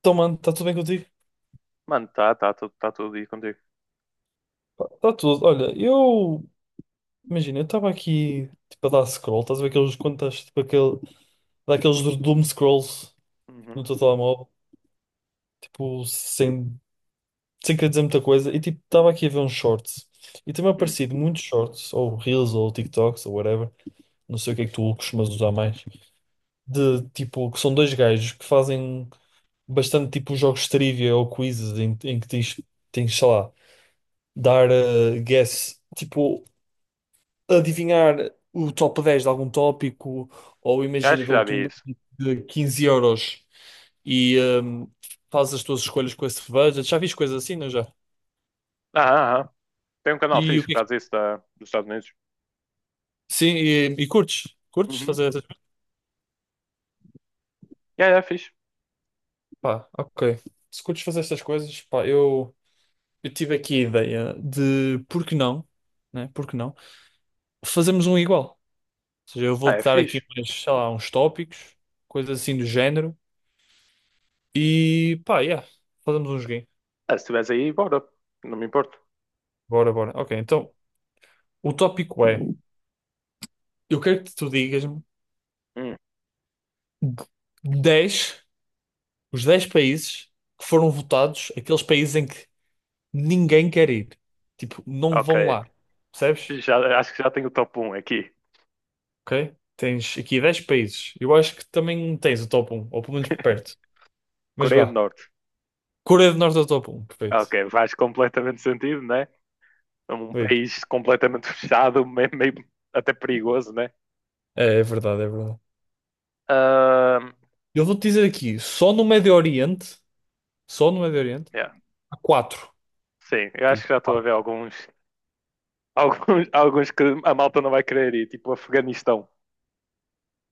Então, mano, está tudo bem contigo? Mano, tá, tá, tá tudo aí contigo. Está tudo. Olha, eu. Imagina, eu estava aqui, tipo, a dar scroll. Estás a ver aqueles. Quando estás, tipo, aquele. Daqueles do doom scrolls, tipo, no Uhum. teu telemóvel. Tipo, sem. Sem querer dizer muita coisa. E, tipo, estava aqui a ver uns shorts. E tem-me Hum. aparecido muitos shorts, ou reels, ou TikToks, ou whatever. Não sei o que é que tu costumas usar mais. De, tipo, que são dois gajos que fazem bastante, tipo, jogos de trivia ou quizzes em que tens, sei lá, dar guess. Tipo. Adivinhar o top 10 de algum tópico, ou imagina, Acho que já dão-te um vi isso. budget de 15 euros e fazes as tuas escolhas com esse budget. Já fiz coisas assim, não já? Ah, ah, ah. Tem um canal E o fixe que que é que... faz isso dos Estados Unidos. Sim, e curtes? Curtes Uhum. fazer essas coisas? É fixe. Pá, ok. Se curtes fazer estas coisas, pá, eu tive aqui a ideia de por que não, né? Por que não? Fazermos um igual. Ou seja, eu Ah, é vou-te dar aqui fixe. uns, sei lá, uns tópicos, coisas assim do género. E pá, yeah, fazemos um joguinho. Ah, se estiveres aí, bora. Não me importo. Bora, bora. Ok, então. O tópico é: eu quero que tu digas-me Hum, 10, os 10 países que foram votados, aqueles países em que ninguém quer ir. Tipo, não vão ok. lá. Percebes? Acho que já tenho o top um aqui. Ok? Tens aqui 10 países. Eu acho que também tens o top um, ou pelo menos perto. Mas Coreia do vá. Norte. Coreia do Norte é o top um, Ok, perfeito. faz completamente sentido, né? É um Perfeito. país completamente fechado, meio, meio até perigoso, né? É, é verdade, é verdade. Ahm, Eu vou-te dizer aqui: só no Médio Oriente, só no Médio Oriente, yeah. há 4. Sim, eu acho Aqui. que já estou a Quatro. ver alguns, alguns que a malta não vai querer ir, tipo Afeganistão.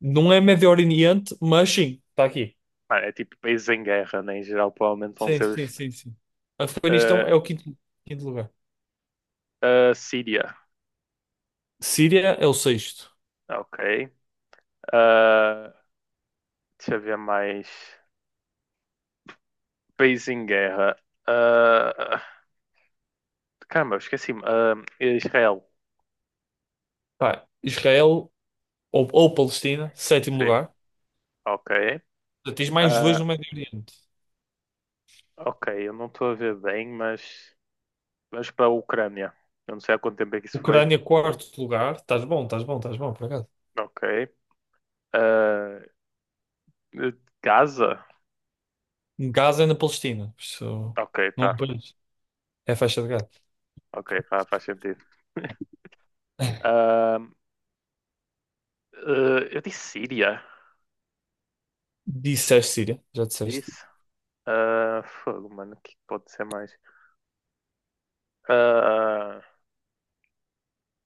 Não é Médio Oriente, mas sim, está aqui. Mano, é tipo países em guerra, né? Em geral, provavelmente vão Sim, ser os. sim, sim, sim. Afeganistão é o quinto, quinto lugar. A Síria, Síria é o sexto. ok. Ah, deixa eu ver mais. Países em guerra. Ah, caramba, eu esqueci-me. Ah, Israel, Pá, Israel ou Palestina, sétimo sim, lugar. ok. Já tens mais dois Ah, no Médio Oriente. ok, eu não estou a ver bem, mas. Vamos para a Ucrânia. Eu não sei há quanto tempo é que isso foi. Ucrânia, quarto lugar. Estás bom, estás bom, estás bom, por acaso. Ok. Ah, Gaza? Gaza é na Palestina. Isso Ok, não é um tá. país. É faixa de Gaza. Ok, faz sentido. Ah, ah, eu disse Síria. Disseste Síria, já disseste. Disse. Ah, fogo, mano, o que pode ser mais? Ah,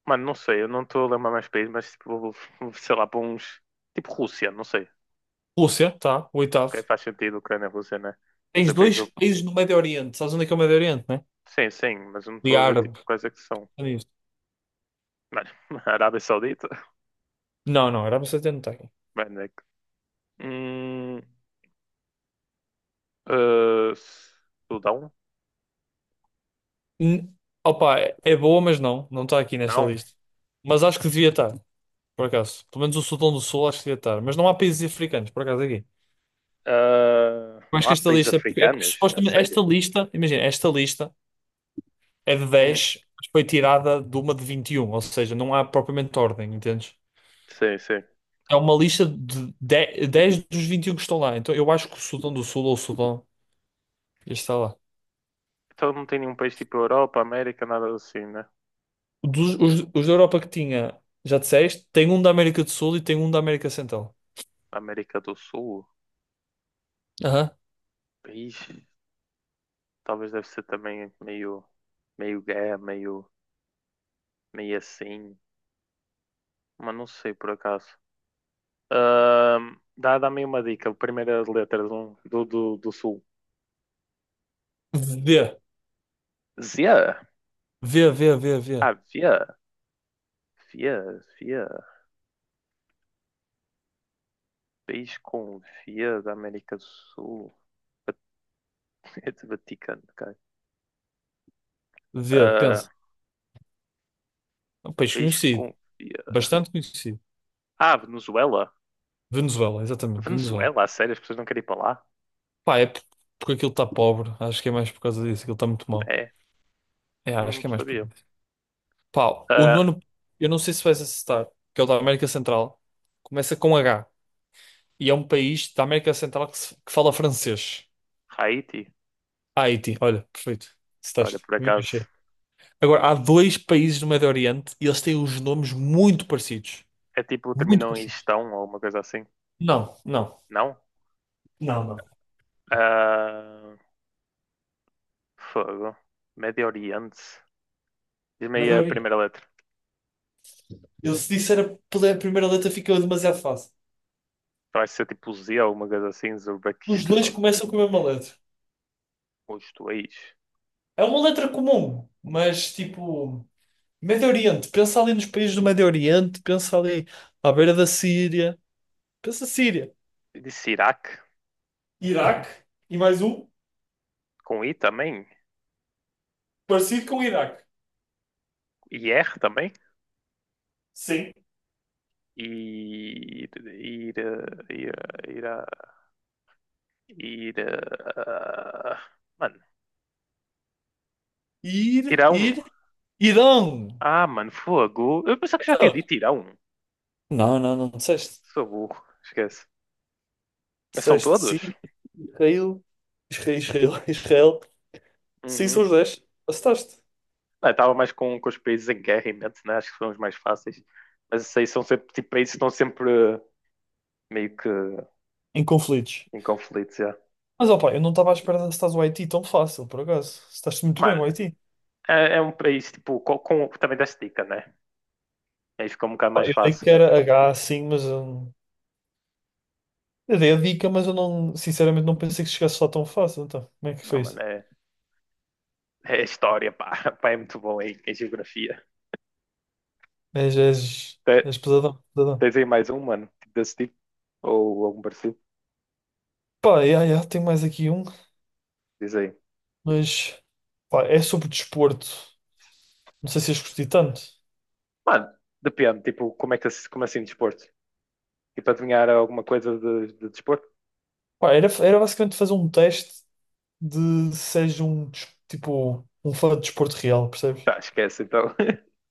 mano, não sei, eu não estou a lembrar mais países, mas tipo, sei lá, para uns. Tipo Rússia, não sei. Rússia, tá, o Ah, oitavo. ok, faz sentido, Ucrânia e Rússia, né? Não Tens sei porque é que dois eu. países no Médio Oriente. Sabes onde é que é o Médio Oriente, né? Sim, sim, mas eu não E estou a ver tipo árabe. quais é que são. É nisto. Mano, Arábia Saudita? Não, não, Arábia Saudita não tem. Mano, é que. Hum, ah, Sudão? N- Opa, é boa, mas não. Não está aqui nesta Não. lista. Mas acho que devia estar, por acaso. Pelo menos o Sudão do Sul acho que devia estar. Mas não há países africanos, por acaso, aqui. Ah, Eu acho não que há esta países lista... africanos? A supostamente sério? esta lista... Imagina, esta lista é de Hum, 10, mas foi tirada de uma de 21. Ou seja, não há propriamente ordem, entendes? sim, sim. É uma lista de 10, 10 dos 21 que estão lá. Então eu acho que o Sudão do Sul ou o Sudão está lá. Então não tem nenhum país tipo Europa, América, nada assim, né? Os da Europa que tinha, já disseste, tem um da América do Sul e tem um da América Central. América do Sul? Aham. País. Talvez deve ser também meio, meio guerra, meio, meio assim. Mas não sei por acaso. Dá-me uma dica. A primeira letra de do sul. D. Zia. Vê, vê, vê, vê. Ah, via. Via, via. País com via da América do Sul. Vat- Vaticano, cara. Vê, pensa. Ah, É um país país conhecido. com via. Bastante conhecido. Ah, Venezuela. Venezuela, exatamente, Venezuela. Venezuela, a sério, as pessoas não querem ir para lá? Pá, porque aquilo está pobre. Acho que é mais por causa disso. Aquilo está muito mal. É, É, acho não que é mais por sabia. causa disso. Pá, o Ah, nono, eu não sei se vais acertar, que é o da América Central. Começa com H. E é um país da América Central que, que fala francês. Haiti. Ah, Haiti, olha, perfeito. Olha, Estás. por acaso. Agora, há dois países do Médio Oriente e eles têm os nomes muito parecidos. É tipo, Muito terminam em parecidos. gestão ou uma coisa assim. Não, não. Não? Não, não. Ah, fogo. Médio Oriente. Diz-me aí Médio a Oriente. primeira letra. Eu se disser a primeira letra fica demasiado fácil. Então vai ser tipo Z ou uma coisa assim, Os dois Uzbequistão. começam com a mesma letra. Os dois. É uma letra comum, mas tipo, Médio Oriente, pensa ali nos países do Médio Oriente, pensa ali à beira da Síria, pensa Síria, Disse Iraque. Iraque e mais um Com I também. parecido com o Iraque. I R também. Sim. Ir. Ir. Ir. Ir. Ir, mano. Ir, Irão. ir, Irão. Ah, mano, fogo. Eu pensava que já tinha Então, dito Irão. não, não, não disseste. Sou burro. Esquece. Mas são Disseste todos? Síria, Israel, Israel, Israel. Israel. Sim, são Uhum. os 10. Acertaste. Ah, eu tava mais com os países em guerra em mente, né? Acho que são os mais fáceis. Mas esses aí são sempre tipo, países que estão sempre meio que Em conflitos. em conflito, já. Mas opa, eu não estava à espera de estás o Haiti tão fácil, por acaso. Estás muito bem, Mano, o Haiti. é um país tipo, com também desta dica, né? Aí fica um bocado Pá, mais eu sei fácil. que era H sim, mas eu dei a dica, mas eu não, sinceramente não pensei que chegasse lá tão fácil. Então, como é que Ah, foi mano, isso? é história, pá. Pá, é muito bom em geografia. És, és, Te- és pesadão, pesadão. Tens aí mais um, mano, tipo desse tipo? Ou algum parecido? Pá, yeah, yeah, tenho mais aqui um, Diz aí. mas pá, é sobre desporto. Não sei se és curti tanto. Mano, depende, tipo, como é que como assim desporto? Tipo, adivinhar alguma coisa de desporto? Pá, era basicamente fazer um teste de se és um, tipo, um fã de desporto real, percebes? Tá, esquece então.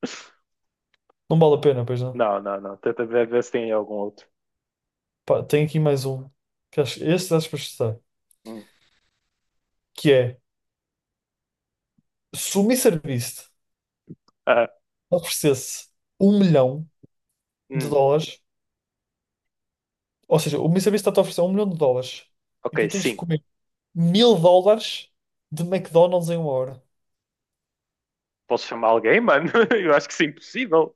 Não vale a pena, pois não. Não, não, não. Tenta ver se tem algum outro. Pá, tenho aqui mais um. Que acho, este acho Hum. que é se o MrBeast Ah, oferecesse um milhão de hum. dólares, ou seja, o MrBeast está-te a oferecer um milhão de dólares e Ok, tu tens de sim. comer mil dólares de McDonald's em uma hora. Posso chamar alguém, mano? Eu acho que isso é impossível.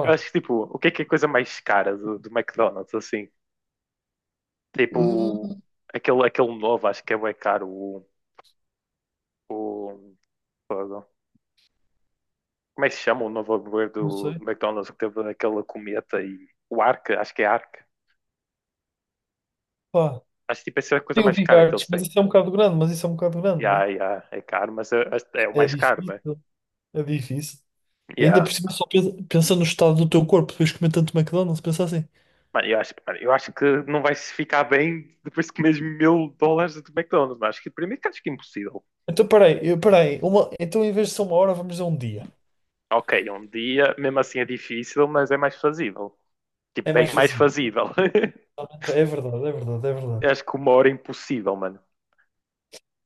Eu acho que, tipo, o que é a coisa mais cara do McDonald's, assim? hum, Tipo, aquele novo, acho que é bem caro. O, Fogo. Como é que se chama o novo hambúrguer não sei. do McDonald's que teve aquela cometa e o Ark? Acho que é Ark. Pá, Acho que, tipo, essa é a coisa tem o mais Big cara que Arts, eles mas têm. isso é um bocado grande, mas isso é um bocado grande, Yeah, né? yeah, é caro, mas é o É mais caro, né? difícil, é difícil. E ainda Yeah. por cima só pensa, pensa no estado do teu corpo depois de comer tanto McDonald's, pensa assim. Mano, eu acho que não vai se ficar bem depois de comeres US$ 1.000 de McDonald's. Mas acho que primeiro que acho que é impossível. Então, peraí, peraí, uma, então em vez de ser uma hora, vamos dizer um dia. Ok, é um dia, mesmo assim é difícil, mas é mais fazível. Tipo, É mais bem mais fácil. fazível. Realmente, é verdade, é verdade, é verdade. Eu acho que uma hora é impossível, mano.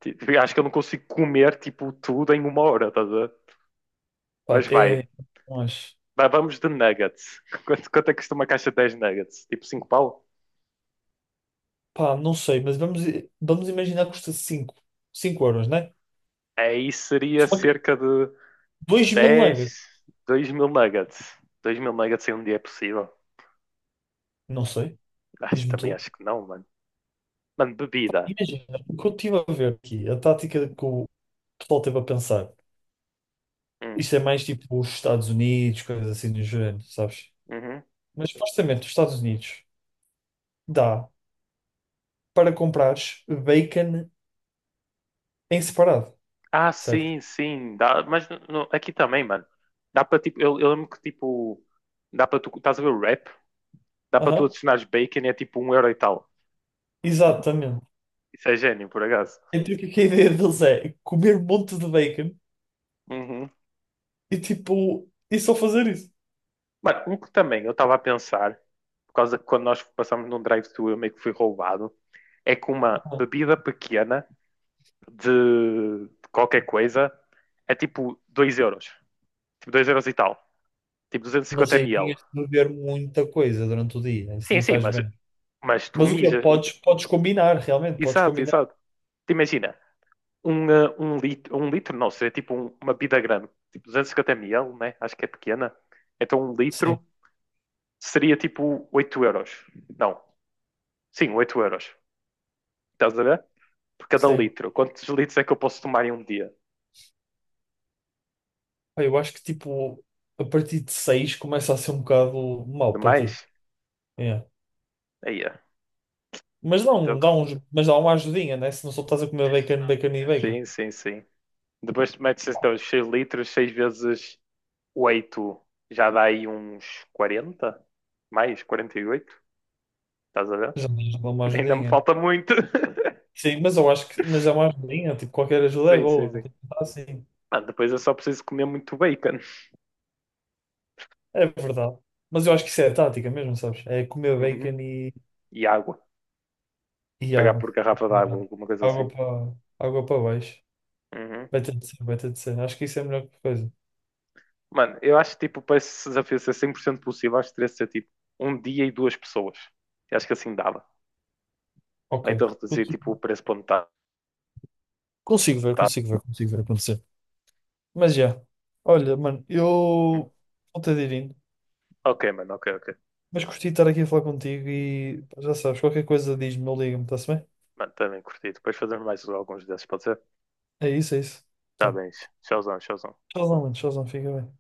Tipo, eu acho que eu não consigo comer, tipo, tudo em uma hora, estás a ver? Pá, Mas vai. é, não acho. Vamos de nuggets. Quanto é que custa uma caixa de 10 nuggets? Tipo cinco pau? Pá, não sei, mas vamos imaginar que custa 5 euros, né? Aí seria Só que cerca de 2 mil 10 nuggets. 2.000 nuggets. 2.000 nuggets em um dia é possível. Não sei, diz-me Também tu. acho que não, mano. Mano, bebida. Imagina, o que eu estive a ver aqui, a tática que o pessoal teve a pensar. Hum, Isto é mais tipo os Estados Unidos, coisas assim do género, sabes? uhum. Mas supostamente os Estados Unidos dá para comprares bacon em separado, Ah, certo? sim, sim. Dá, mas aqui também, mano. Dá para tipo. Eu lembro que tipo. Dá para tu. Estás a ver o rap? Dá para tu Aham, adicionares bacon e é tipo um euro e tal. exatamente. Isso é gênio, por acaso. Então o que é que a ideia deles é comer um monte de bacon Uhum. e tipo, e só fazer isso. Mano, um que também eu estava a pensar, por causa que quando nós passamos num drive-thru eu meio que fui roubado, é que uma bebida pequena de qualquer coisa é tipo 2 euros. Tipo 2 euros e tal. Tipo 250 Mas aí tinhas ml. de beber muita coisa durante o dia, isso Sim, nem sim, faz mas bem. Mas tu Mas o que é? mija. Podes, podes combinar, realmente, podes Exato, combinar. exato. Te imagina, um litro não, seria tipo uma bida grande, tipo 250 ml, né? Acho que é pequena. Então um Sim, litro seria tipo 8 euros. Não, sim, 8 euros. Estás a ver? Por cada sim. litro. Quantos litros é que eu posso tomar em um dia? Pá, eu acho que tipo, a partir de 6 começa a ser um bocado mau para ti. Demais? É. Aí é. Mas Então, dá uns, mas dá uma ajudinha, né? Se não só estás a comer bacon, bacon e bacon. sim, sim, sim. Depois tu metes então 6 litros, 6 vezes 8, já dá aí uns 40. Mais, 48. Estás a ver? Já dá uma Ainda me ajudinha. falta muito. Sim, mas eu acho que, mas dá uma ajudinha, tipo, qualquer ajuda é Sim, sim, boa. sim. Tipo, dá assim. Mano, depois eu só preciso comer muito bacon. É verdade. Mas eu acho que isso é tática mesmo, sabes? É comer Uhum. bacon E água. e Pagar água. por garrafa de água, alguma coisa assim. Água para água para baixo. Uhum. Vai ter de ser, vai ter de ser. Acho que isso é a melhor coisa. Mano, eu acho que tipo, para esse desafio ser 100% possível, acho que teria de ser tipo um dia e duas pessoas. Eu acho que assim dava. Ou Ok. então reduzir tipo o preço para metade. Consigo ver, Tá. consigo ver, consigo ver acontecer. Mas já. Olha, mano, eu vou ter de ir indo. Ok, mano, ok, ok. Mas gostei de estar aqui a falar contigo e pá, já sabes, qualquer coisa diz-me ou liga-me, está-se bem? Mano, também curti. Depois fazemos mais alguns desses, pode ser? É isso, é isso. Tá Tá. bem. Tchauzão, tchauzão. Tchauzão, mano. Tchauzão, fica bem.